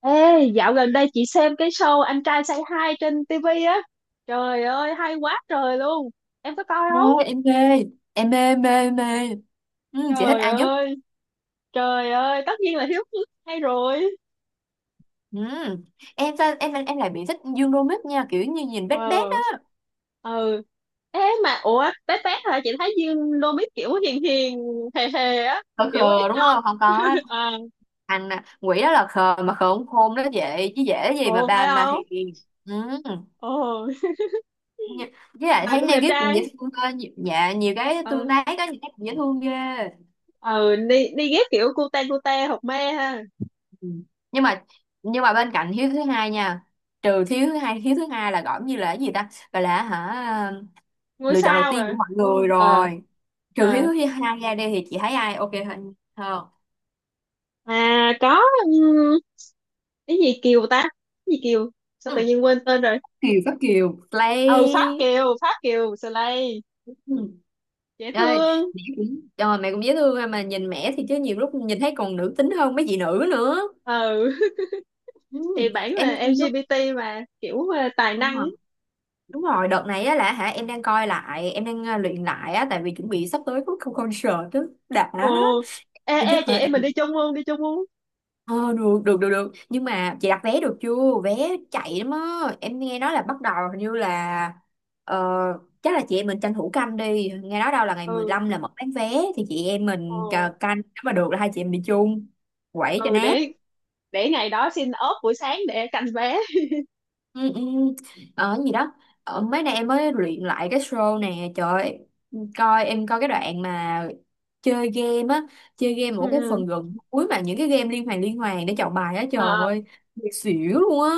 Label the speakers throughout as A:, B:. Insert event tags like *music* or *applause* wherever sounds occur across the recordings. A: Ê, dạo gần đây chị xem cái show Anh trai Say Hi trên TV á. Trời ơi, hay quá trời luôn. Em có coi không?
B: Thôi em mê mê mê Ừ, chị thích
A: Trời
B: ai nhất?
A: ơi, trời ơi, tất nhiên là Hiếu Phước hay rồi.
B: Ừ. em sao em lại bị thích Dương Đomít nha, kiểu như nhìn
A: Ờ,
B: bét bét á.
A: ừ. Ê mà, ủa, té té hả? Chị thấy Dương Đô Mít kiểu hiền hiền, hề hề á.
B: Khờ
A: Kiểu ít
B: khờ đúng
A: nói.
B: không, không có á.
A: *laughs* À,
B: Anh à, quỷ đó là khờ mà khờ không khôn đó, vậy chứ dễ gì mà
A: ồ,
B: bà
A: phải
B: mà
A: không?
B: hiền. Ừ.
A: Ồ,
B: Như- với lại
A: mà
B: thấy
A: cũng đẹp
B: Negip cũng dễ
A: trai.
B: thương cơ, dạ nhiều cái tương
A: Ừ,
B: tác có những cái cũng dễ thương ghê.
A: ừ, đi ghép kiểu cute cute, hột me ha.
B: Ừ. nhưng mà nhưng mà bên cạnh hiếu thứ hai nha. Trừ thiếu thứ hai, hiếu thứ hai là gọi như là cái gì ta, gọi là hả,
A: Ngôi
B: lựa chọn đầu
A: sao
B: tiên của
A: rồi.
B: mọi
A: Ồ,
B: người
A: ờ.
B: rồi. Trừ hiếu
A: Ờ.
B: thứ hai ra đi thì chị thấy ai ok hơn hơn?
A: À, có ừm, cái gì Kiều ta? Cái gì Kiều? Sao tự
B: Ừ.
A: nhiên quên tên rồi?
B: Kiều có Kiều
A: Ừ, Pháp
B: play.
A: Kiều, Pháp Kiều Slay,
B: Ừ.
A: dễ
B: Ơi,
A: thương.
B: mẹ cũng, trời mẹ cũng dễ thương ha, mà nhìn mẹ thì chứ nhiều lúc nhìn thấy còn nữ tính hơn mấy chị nữ nữa.
A: Ừ. *laughs* Thì
B: Ừ.
A: bản
B: Em
A: là
B: lúc đúng
A: LGBT mà kiểu tài năng.
B: rồi. Đúng rồi, đợt này á là hả em đang coi lại, em đang luyện lại á, tại vì chuẩn bị sắp tới có concert đó. Đã,
A: Ồ. Ê
B: thì
A: ê,
B: chắc
A: chị
B: là
A: em mình đi chung luôn, đi chung luôn.
B: ờ được được được được, nhưng mà chị đặt vé được chưa? Vé chạy lắm á, em nghe nói là bắt đầu hình như là ờ, chắc là chị em mình tranh thủ canh đi, nghe nói đâu là ngày mười
A: Ừ.
B: lăm là mở bán vé, thì chị em mình
A: Ồ.
B: canh, nếu mà được là hai chị em đi chung, quẩy cho
A: Ừ,
B: nát.
A: để ngày đó xin ốp buổi sáng để canh vé.
B: Ừ, ừ. ờ cái gì đó, mấy nay em mới luyện lại cái show nè, trời ơi, coi em coi cái đoạn mà chơi game á, chơi game
A: Ừ,
B: một cái
A: ừ.
B: phần gần cuối mà những cái game liên hoàn để chọn bài á, trời
A: Ờ.
B: ơi, xỉu luôn á.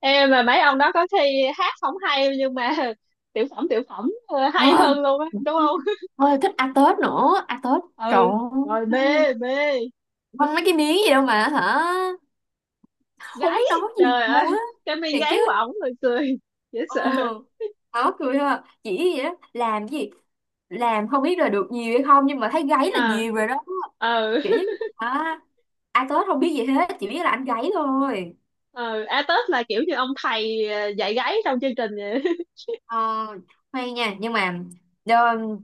A: Ê mà mấy ông đó có thi hát không hay, nhưng mà *laughs* tiểu phẩm hay
B: Ờ,
A: hơn luôn á, đúng không? *laughs*
B: thôi thích ăn Tết nữa, ăn Tết. Trời
A: Ừ. Rồi
B: ơi,
A: mê mê.
B: quăng mấy cái miếng gì đâu mà hả? Không
A: Gáy,
B: biết nói gì
A: trời ơi,
B: luôn á.
A: cái mi
B: Thiệt
A: gáy
B: chứ.
A: của ổng rồi cười dễ
B: Ừ,
A: sợ.
B: khó cười ha. Chỉ gì đó, làm gì? Làm không biết là được nhiều hay không, nhưng mà thấy gáy là
A: À,
B: nhiều rồi đó.
A: ờ,
B: Kiểu như là "À, ăn Tết không biết gì hết, chỉ biết là ăn gáy thôi."
A: ờ. A tết là kiểu như ông thầy dạy gáy trong chương trình vậy. *laughs*
B: Ờ, hay nha, nhưng mà đơ,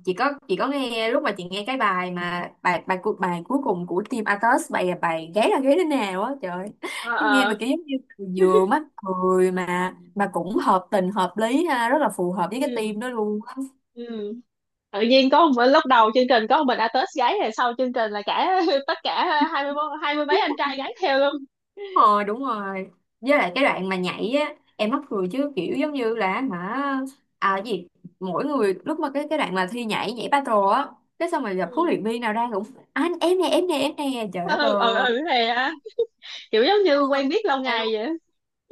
B: chị có nghe lúc mà chị nghe cái bài mà bài bài cuộc bài cuối cùng của team Atos, bài là bài gáy là gáy thế nào á, trời ơi.
A: Ờ,
B: Em nghe mà
A: ờ.
B: kiểu giống như vừa mắc cười mà cũng hợp tình hợp lý ha, rất là phù hợp với cái
A: Ừ,
B: team đó luôn.
A: ừ, tự nhiên có một lúc đầu chương trình có một mình a tết gáy, rồi sau chương trình là cả *laughs* tất cả hai mươi mấy anh trai gáy theo luôn.
B: Đúng rồi, đúng rồi. Với lại cái đoạn mà nhảy á, em mắc cười chứ kiểu giống như là hả, à cái gì, mỗi người lúc mà cái đoạn mà thi nhảy, nhảy battle á, cái xong rồi gặp huấn
A: Ừ,
B: luyện viên nào ra cũng anh em nè, em nè, em nè, trời đất
A: ừ,
B: ơi.
A: ừ. Ừ, thì à, kiểu giống như
B: Ừ,
A: quen biết lâu
B: tao
A: ngày
B: luôn.
A: vậy.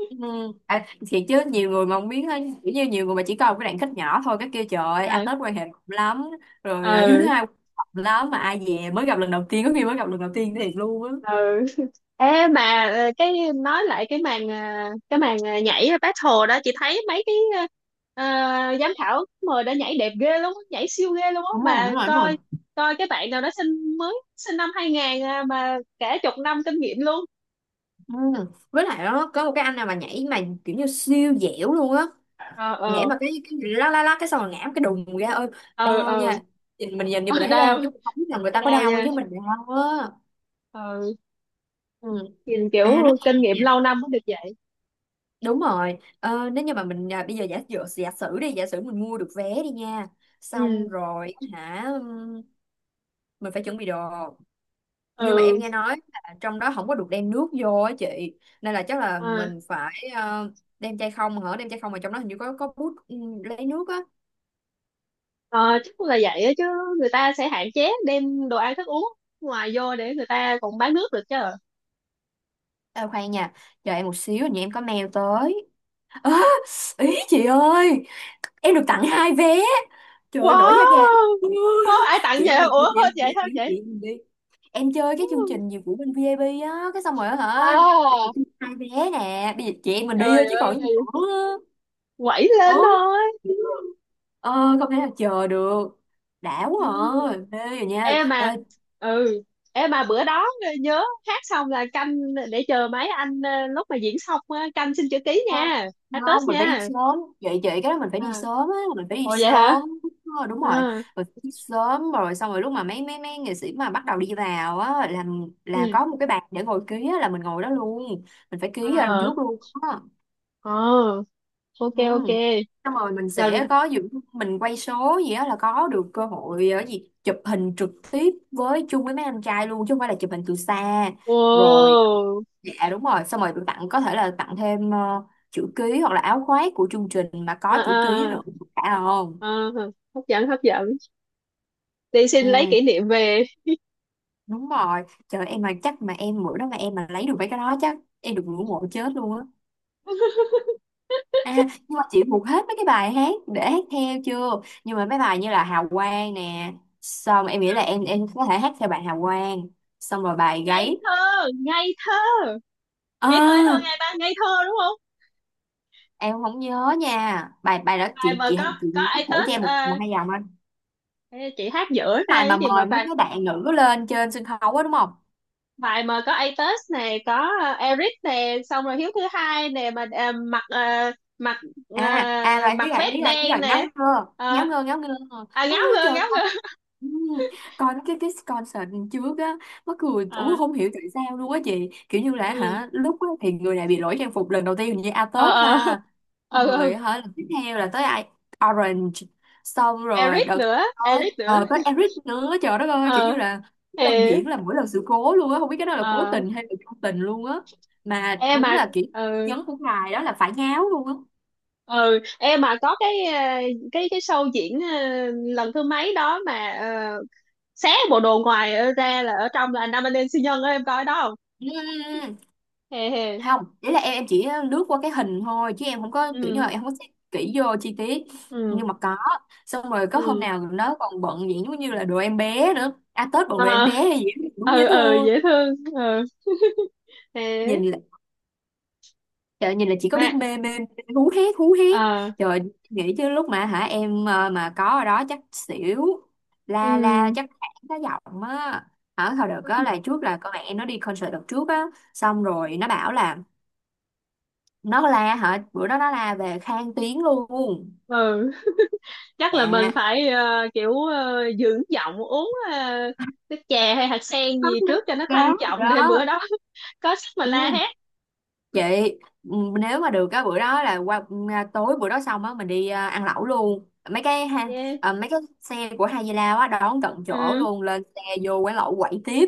B: Ừ. À, thiệt chứ nhiều người mà không biết ấy, kiểu như nhiều người mà chỉ coi một cái đoạn khách nhỏ thôi cái kia, trời ơi, à,
A: À,
B: Tết quan hệ rộng lắm rồi, à, thứ
A: ừ,
B: hai quan hệ rộng lắm, mà ai về mới gặp lần đầu tiên, có khi mới gặp lần đầu tiên thiệt luôn á.
A: ừ. Ê mà cái nói lại cái màn nhảy battle đó, chị thấy mấy cái ờ, giám khảo mời đã nhảy đẹp ghê luôn á, nhảy siêu ghê luôn á.
B: Đúng rồi, đúng
A: Mà
B: rồi, đúng rồi.
A: coi coi cái bạn nào đó sinh, mới sinh năm 2000 à, mà cả chục năm kinh nghiệm luôn.
B: Ừ. Với lại đó có một cái anh nào mà nhảy mà kiểu như siêu dẻo luôn á,
A: Ờ,
B: nhảy
A: ờ,
B: mà cái lá lá lá cái xong rồi ngã một cái đùng ra, ơi
A: ờ,
B: đau
A: ờ,
B: nha. Nhìn mình nhìn thì mình
A: ờ,
B: thấy đau
A: đau,
B: chứ không biết là người
A: thấy
B: ta có
A: đau
B: đau,
A: nha.
B: chứ mình đau á.
A: Ờ.
B: Ừ.
A: Nhìn
B: À nó,
A: kiểu kinh nghiệm lâu năm mới được vậy.
B: đúng rồi, nếu như mà mình à, bây giờ giả dụ giả sử đi, giả sử mình mua được vé đi nha, xong
A: Ừ,
B: rồi hả, mình phải chuẩn bị đồ. Nhưng mà em
A: ừ.
B: nghe nói là trong đó không có được đem nước vô á chị, nên là chắc là
A: Ờ.
B: mình phải đem chai không hả, đem chai không mà trong đó hình như có bút, lấy nước á.
A: Ờ, chắc là vậy á, chứ người ta sẽ hạn chế đem đồ ăn thức uống ngoài vô để người ta còn bán nước được chứ.
B: À, khoan nha, chờ em một xíu, hình như em có mail tới. Á, ý chị ơi, em được tặng hai vé, trời ơi, nổi da gà.
A: Wow. Wow,
B: *laughs*
A: ai tặng
B: Chị
A: vậy?
B: em đi,
A: Ủa,
B: chị em
A: hết
B: đi,
A: vậy thôi
B: chị
A: chị?
B: em đi. Em chơi cái chương trình gì của bên VIP á, cái xong rồi á hả, bây giờ
A: À,
B: hai vé nè, bây giờ chị em mình đi
A: trời
B: thôi chứ còn
A: ơi,
B: gì nữa.
A: quẩy lên
B: Ừ,
A: thôi.
B: ờ không thể nào chờ được, đã quá.
A: Ừ.
B: À mê rồi nha
A: Em mà,
B: ơi,
A: ừ, em mà bữa đó nhớ hát xong là canh, để chờ mấy anh lúc mà diễn xong á, canh xin chữ ký
B: ờ,
A: nha. Hát Tết
B: không mình phải đi
A: nha.
B: sớm, vậy vậy cái đó mình phải đi
A: À,
B: sớm á, mình phải đi
A: ồ, vậy hả?
B: sớm. Ờ, đúng rồi,
A: À.
B: mình phải đi sớm rồi xong rồi lúc mà mấy mấy mấy nghệ sĩ mà bắt đầu đi vào á là
A: Ừ.
B: có một cái bàn để ngồi ký á, là mình ngồi đó luôn, mình phải ký ở đằng
A: À.
B: trước luôn á.
A: Ờ. Ok,
B: Ừ.
A: ok.
B: Xong rồi mình
A: Lần.
B: sẽ có dự mình quay số gì đó là có được cơ hội ở gì chụp hình trực tiếp với chung với mấy anh trai luôn chứ không phải là chụp hình từ xa. Rồi,
A: Wow.
B: dạ đúng rồi, xong rồi được tặng có thể là tặng thêm chữ ký hoặc là áo khoác của chương trình mà có
A: À,
B: chữ ký nữa, phải không?
A: à, à, hấp dẫn hấp dẫn, đi xin lấy
B: Ừ
A: kỷ niệm về.
B: đúng rồi, trời em mà chắc mà em bữa đó mà em mà lấy được mấy cái đó chắc em được ngưỡng mộ chết luôn á. À, nhưng mà chị thuộc hết mấy cái bài hát để hát theo chưa? Nhưng mà mấy bài như là Hào Quang nè, xong em nghĩ là em có thể hát theo bài Hào Quang, xong rồi bài
A: Ngây
B: gáy.
A: thơ, ngây thơ, ngây thơ, ngây thơ,
B: Ờ,
A: ngây ta, ngây thơ, đúng không?
B: em không nhớ nha. Bài bài đó
A: Bài mà có
B: chị
A: có
B: nhắc thử cho
A: Atos,
B: em một, một hai dòng anh.
A: chị hát giữa ra
B: Bài
A: cái
B: mà
A: gì mà
B: mời mấy
A: bài,
B: cái bạn nữ lên trên sân khấu á đúng không?
A: bài mà có Atos này, có Eric nè, xong rồi Hiếu thứ hai nè, mà mặc ờ,
B: À à rồi em
A: mặc
B: biết rồi, em
A: vest
B: biết rồi, em biết
A: đen
B: rồi, ngáo
A: nè.
B: ngơ, ngáo
A: Ờ.
B: ngơ, ngáo ngơ.
A: À, ngáo
B: Ôi,
A: ngơ,
B: trời ơi.
A: ngáo ngơ.
B: Ừ, còn cái concert trước á, mắc cười ủa
A: Ờ,
B: không hiểu tại sao luôn á chị, kiểu như là
A: ừ,
B: hả, lúc á thì người này bị lỗi trang phục lần đầu tiên, hình như A
A: ờ,
B: Tết
A: ờ,
B: ha, xong
A: ờ, ờ.
B: rồi hả lần tiếp theo là tới ai, Orange, xong rồi
A: Eric
B: đợt
A: nữa,
B: tới
A: Eric nữa.
B: tới Eric nữa, trời đất ơi, kiểu như
A: ờ
B: là mỗi
A: thì
B: lần diễn là mỗi lần sự cố luôn á, không biết cái đó là cố
A: ờ
B: tình hay là vô tình luôn á. Mà
A: em
B: đúng
A: mà,
B: là kiểu
A: ừ,
B: nhấn của ngài đó là phải ngáo luôn á.
A: ừ, em mà có cái cái show diễn lần thứ mấy đó mà uh, xé bộ đồ ngoài ở ra là ở trong là anh nam anh em siêu nhân á, em coi đó không?
B: Ừ, ừ, ừ.
A: Hề hề.
B: Không đấy là em chỉ lướt qua cái hình thôi, chứ em không có kiểu như
A: Ừ,
B: là em không có xem kỹ vô chi tiết.
A: ừ,
B: Nhưng mà có, xong rồi có hôm
A: ừ.
B: nào nó còn bận vậy giống như là đồ em bé nữa, à Tết bận đồ em
A: Ờ,
B: bé hay gì đó, đúng dễ
A: ừ, ừ,
B: thương.
A: dễ thương. Ừ, thế
B: Nhìn là, trời nhìn là chỉ có biết
A: mà.
B: mê mê mê, hú hét hú hét,
A: Ờ,
B: trời. Nghĩ chứ lúc mà hả em mà có ở đó chắc xỉu, la la
A: ừ,
B: chắc hẳn cái giọng á. Ở hồi đợt đó là trước là con mẹ em nó đi concert đợt trước á, xong rồi nó bảo là nó la hả, bữa đó nó la về khang tiếng luôn.
A: ừ, chắc là mình
B: Dạ
A: phải kiểu dưỡng giọng uống nước chè hay hạt sen
B: nó
A: gì
B: nó
A: trước cho nó thanh
B: chán rồi
A: trọng, để
B: đó.
A: bữa đó *laughs* có sức mà la
B: Ừ,
A: hét.
B: chị, ừ, nếu mà được cái bữa đó là qua ừ, à, tối bữa đó xong á mình đi à, ăn lẩu luôn mấy cái ha.
A: Yeah.
B: À, mấy cái xe của Hai Di Lao á đón tận chỗ
A: Ừ.
B: luôn, lên xe vô quán lẩu quẩy tiếp.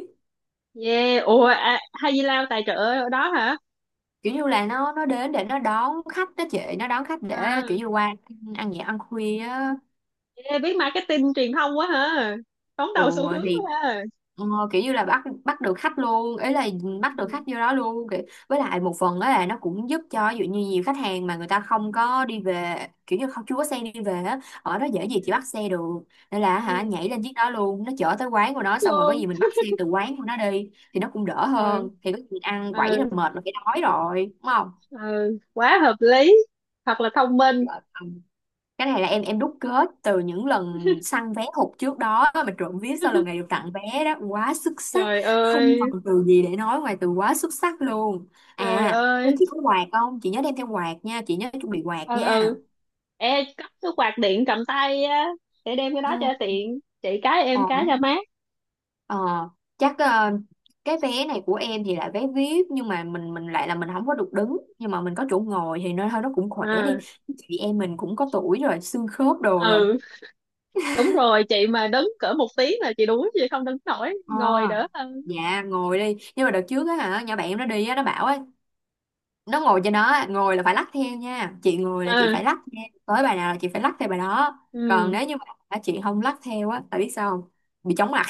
A: Yeah, ủa, à, hay gì lao tài trợ ở đó hả?
B: Kiểu như là nó đến để nó đón khách đó chị, nó đón khách để
A: À,
B: kiểu như qua ăn nhẹ ăn khuya á.
A: yeah, biết marketing truyền thông quá hả? Đón đầu xu
B: Ồ,
A: hướng
B: thì
A: quá ha.
B: ờ, kiểu như là bắt bắt được khách luôn, ý là bắt
A: Ừ,
B: được khách vô đó luôn kiểu. Với lại một phần đó là nó cũng giúp cho, ví dụ như nhiều khách hàng mà người ta không có đi về, kiểu như không chưa có xe đi về á, ở đó dễ gì chị
A: ừ,
B: bắt xe được, nên là hả
A: ừ,
B: nhảy lên chiếc đó luôn, nó chở tới quán của
A: thích
B: nó, xong rồi có
A: luôn.
B: gì mình bắt xe từ quán của nó đi thì nó cũng đỡ
A: Ừ,
B: hơn, thì có gì ăn quẩy là
A: ừ,
B: mệt là phải đói rồi đúng không.
A: ừ, quá hợp lý. Thật là thông minh.
B: Dạ. Cái này là em đúc kết từ những lần săn vé hụt trước đó, mà trộm vía sau lần này được tặng vé đó quá xuất sắc,
A: Trời
B: không
A: ơi,
B: còn từ gì để nói ngoài từ quá xuất sắc luôn.
A: trời
B: À có
A: ơi.
B: chị, có quạt không chị, nhớ đem theo quạt nha, chị nhớ chuẩn bị quạt
A: Ừ,
B: nha.
A: ừ. Ê, cất cái quạt điện cầm tay á, để đem cái đó
B: Ừ.
A: cho tiện. Chị cái,
B: ờ,
A: em cái, cho mát.
B: ờ, chắc cái vé này của em thì là vé VIP, nhưng mà mình lại là mình không có được đứng, nhưng mà mình có chỗ ngồi thì nó thôi nó cũng khỏe đi,
A: À,
B: chị em mình cũng có tuổi rồi, xương khớp đồ rồi.
A: ừ, đúng rồi. Chị mà đứng cỡ một tiếng là chị đuối, chị không đứng nổi.
B: Ờ,
A: Ngồi đỡ hơn.
B: dạ ngồi đi, nhưng mà đợt trước á hả nhỏ bạn em nó đi á, nó bảo á, nó ngồi cho nó á, ngồi là phải lắc theo nha chị, ngồi là chị
A: À,
B: phải lắc nha, tới bài nào là chị phải lắc theo bài đó. Còn
A: ừ.
B: nếu như mà hả, chị không lắc theo á, tại biết sao không, bị chóng mặt.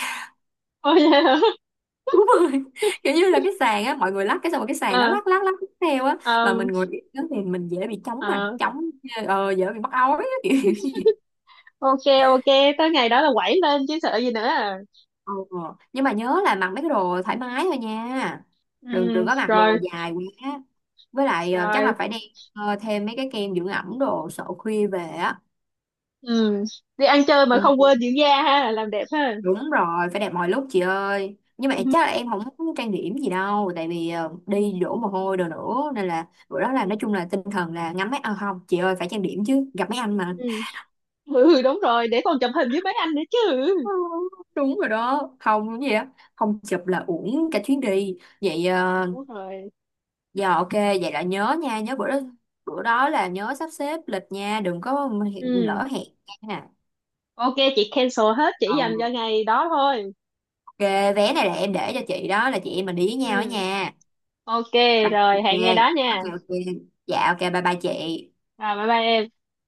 A: Ôi, *laughs* vậy hả?
B: *laughs* Đúng rồi, kiểu như là cái sàn á, mọi người lắc cái xong rồi cái sàn nó
A: À,
B: lắc lắc lắc theo á, mà mình
A: um,
B: ngồi yên đó thì mình dễ bị chóng mặt,
A: à,
B: chóng dễ bị mắc ói á, kiểu kiểu như-
A: ok, ok, tới ngày đó là quẩy lên chứ sợ gì nữa, à.
B: Ờ, nhưng mà nhớ là mặc mấy cái đồ thoải mái thôi nha,
A: Ừ,
B: đừng đừng có mặc
A: rồi,
B: đồ dài quá. Với lại chắc
A: rồi.
B: là phải đem thêm mấy cái kem dưỡng ẩm đồ, sợ khuya về á.
A: Ừ. Đi ăn chơi mà không
B: Ừ.
A: quên dưỡng da ha, làm đẹp ha.
B: Đúng rồi, phải đẹp mọi lúc chị ơi, nhưng mà
A: Ừ.
B: chắc là
A: *laughs*
B: em không muốn trang điểm gì đâu, tại vì đi
A: Ừ,
B: đổ mồ hôi đồ nữa, nên là bữa đó là
A: ừ.
B: nói chung là tinh thần là ngắm mấy, à, không chị ơi phải trang điểm chứ, gặp mấy anh mà.
A: Ừ. Ừ, đúng rồi, để còn chụp hình với mấy anh nữa chứ.
B: Ừ, đúng rồi đó không gì á, không chụp là uổng cả chuyến đi vậy. Ờ,
A: Đúng rồi.
B: giờ ok vậy là nhớ nha, nhớ bữa đó, bữa đó là nhớ sắp xếp lịch nha, đừng có hiện
A: Ừ.
B: lỡ hẹn nha.
A: Ok, chị cancel hết, chỉ dành cho
B: Ừ,
A: ngày đó thôi.
B: ghê, vé này là em để cho chị đó, là chị em mình đi với nhau đó
A: Ừ.
B: nha.
A: Ok.
B: Rồi, ok,
A: Rồi, hẹn ngày đó
B: ok,
A: nha.
B: ok. Dạ, ok, bye bye chị.
A: Rồi, bye bye em.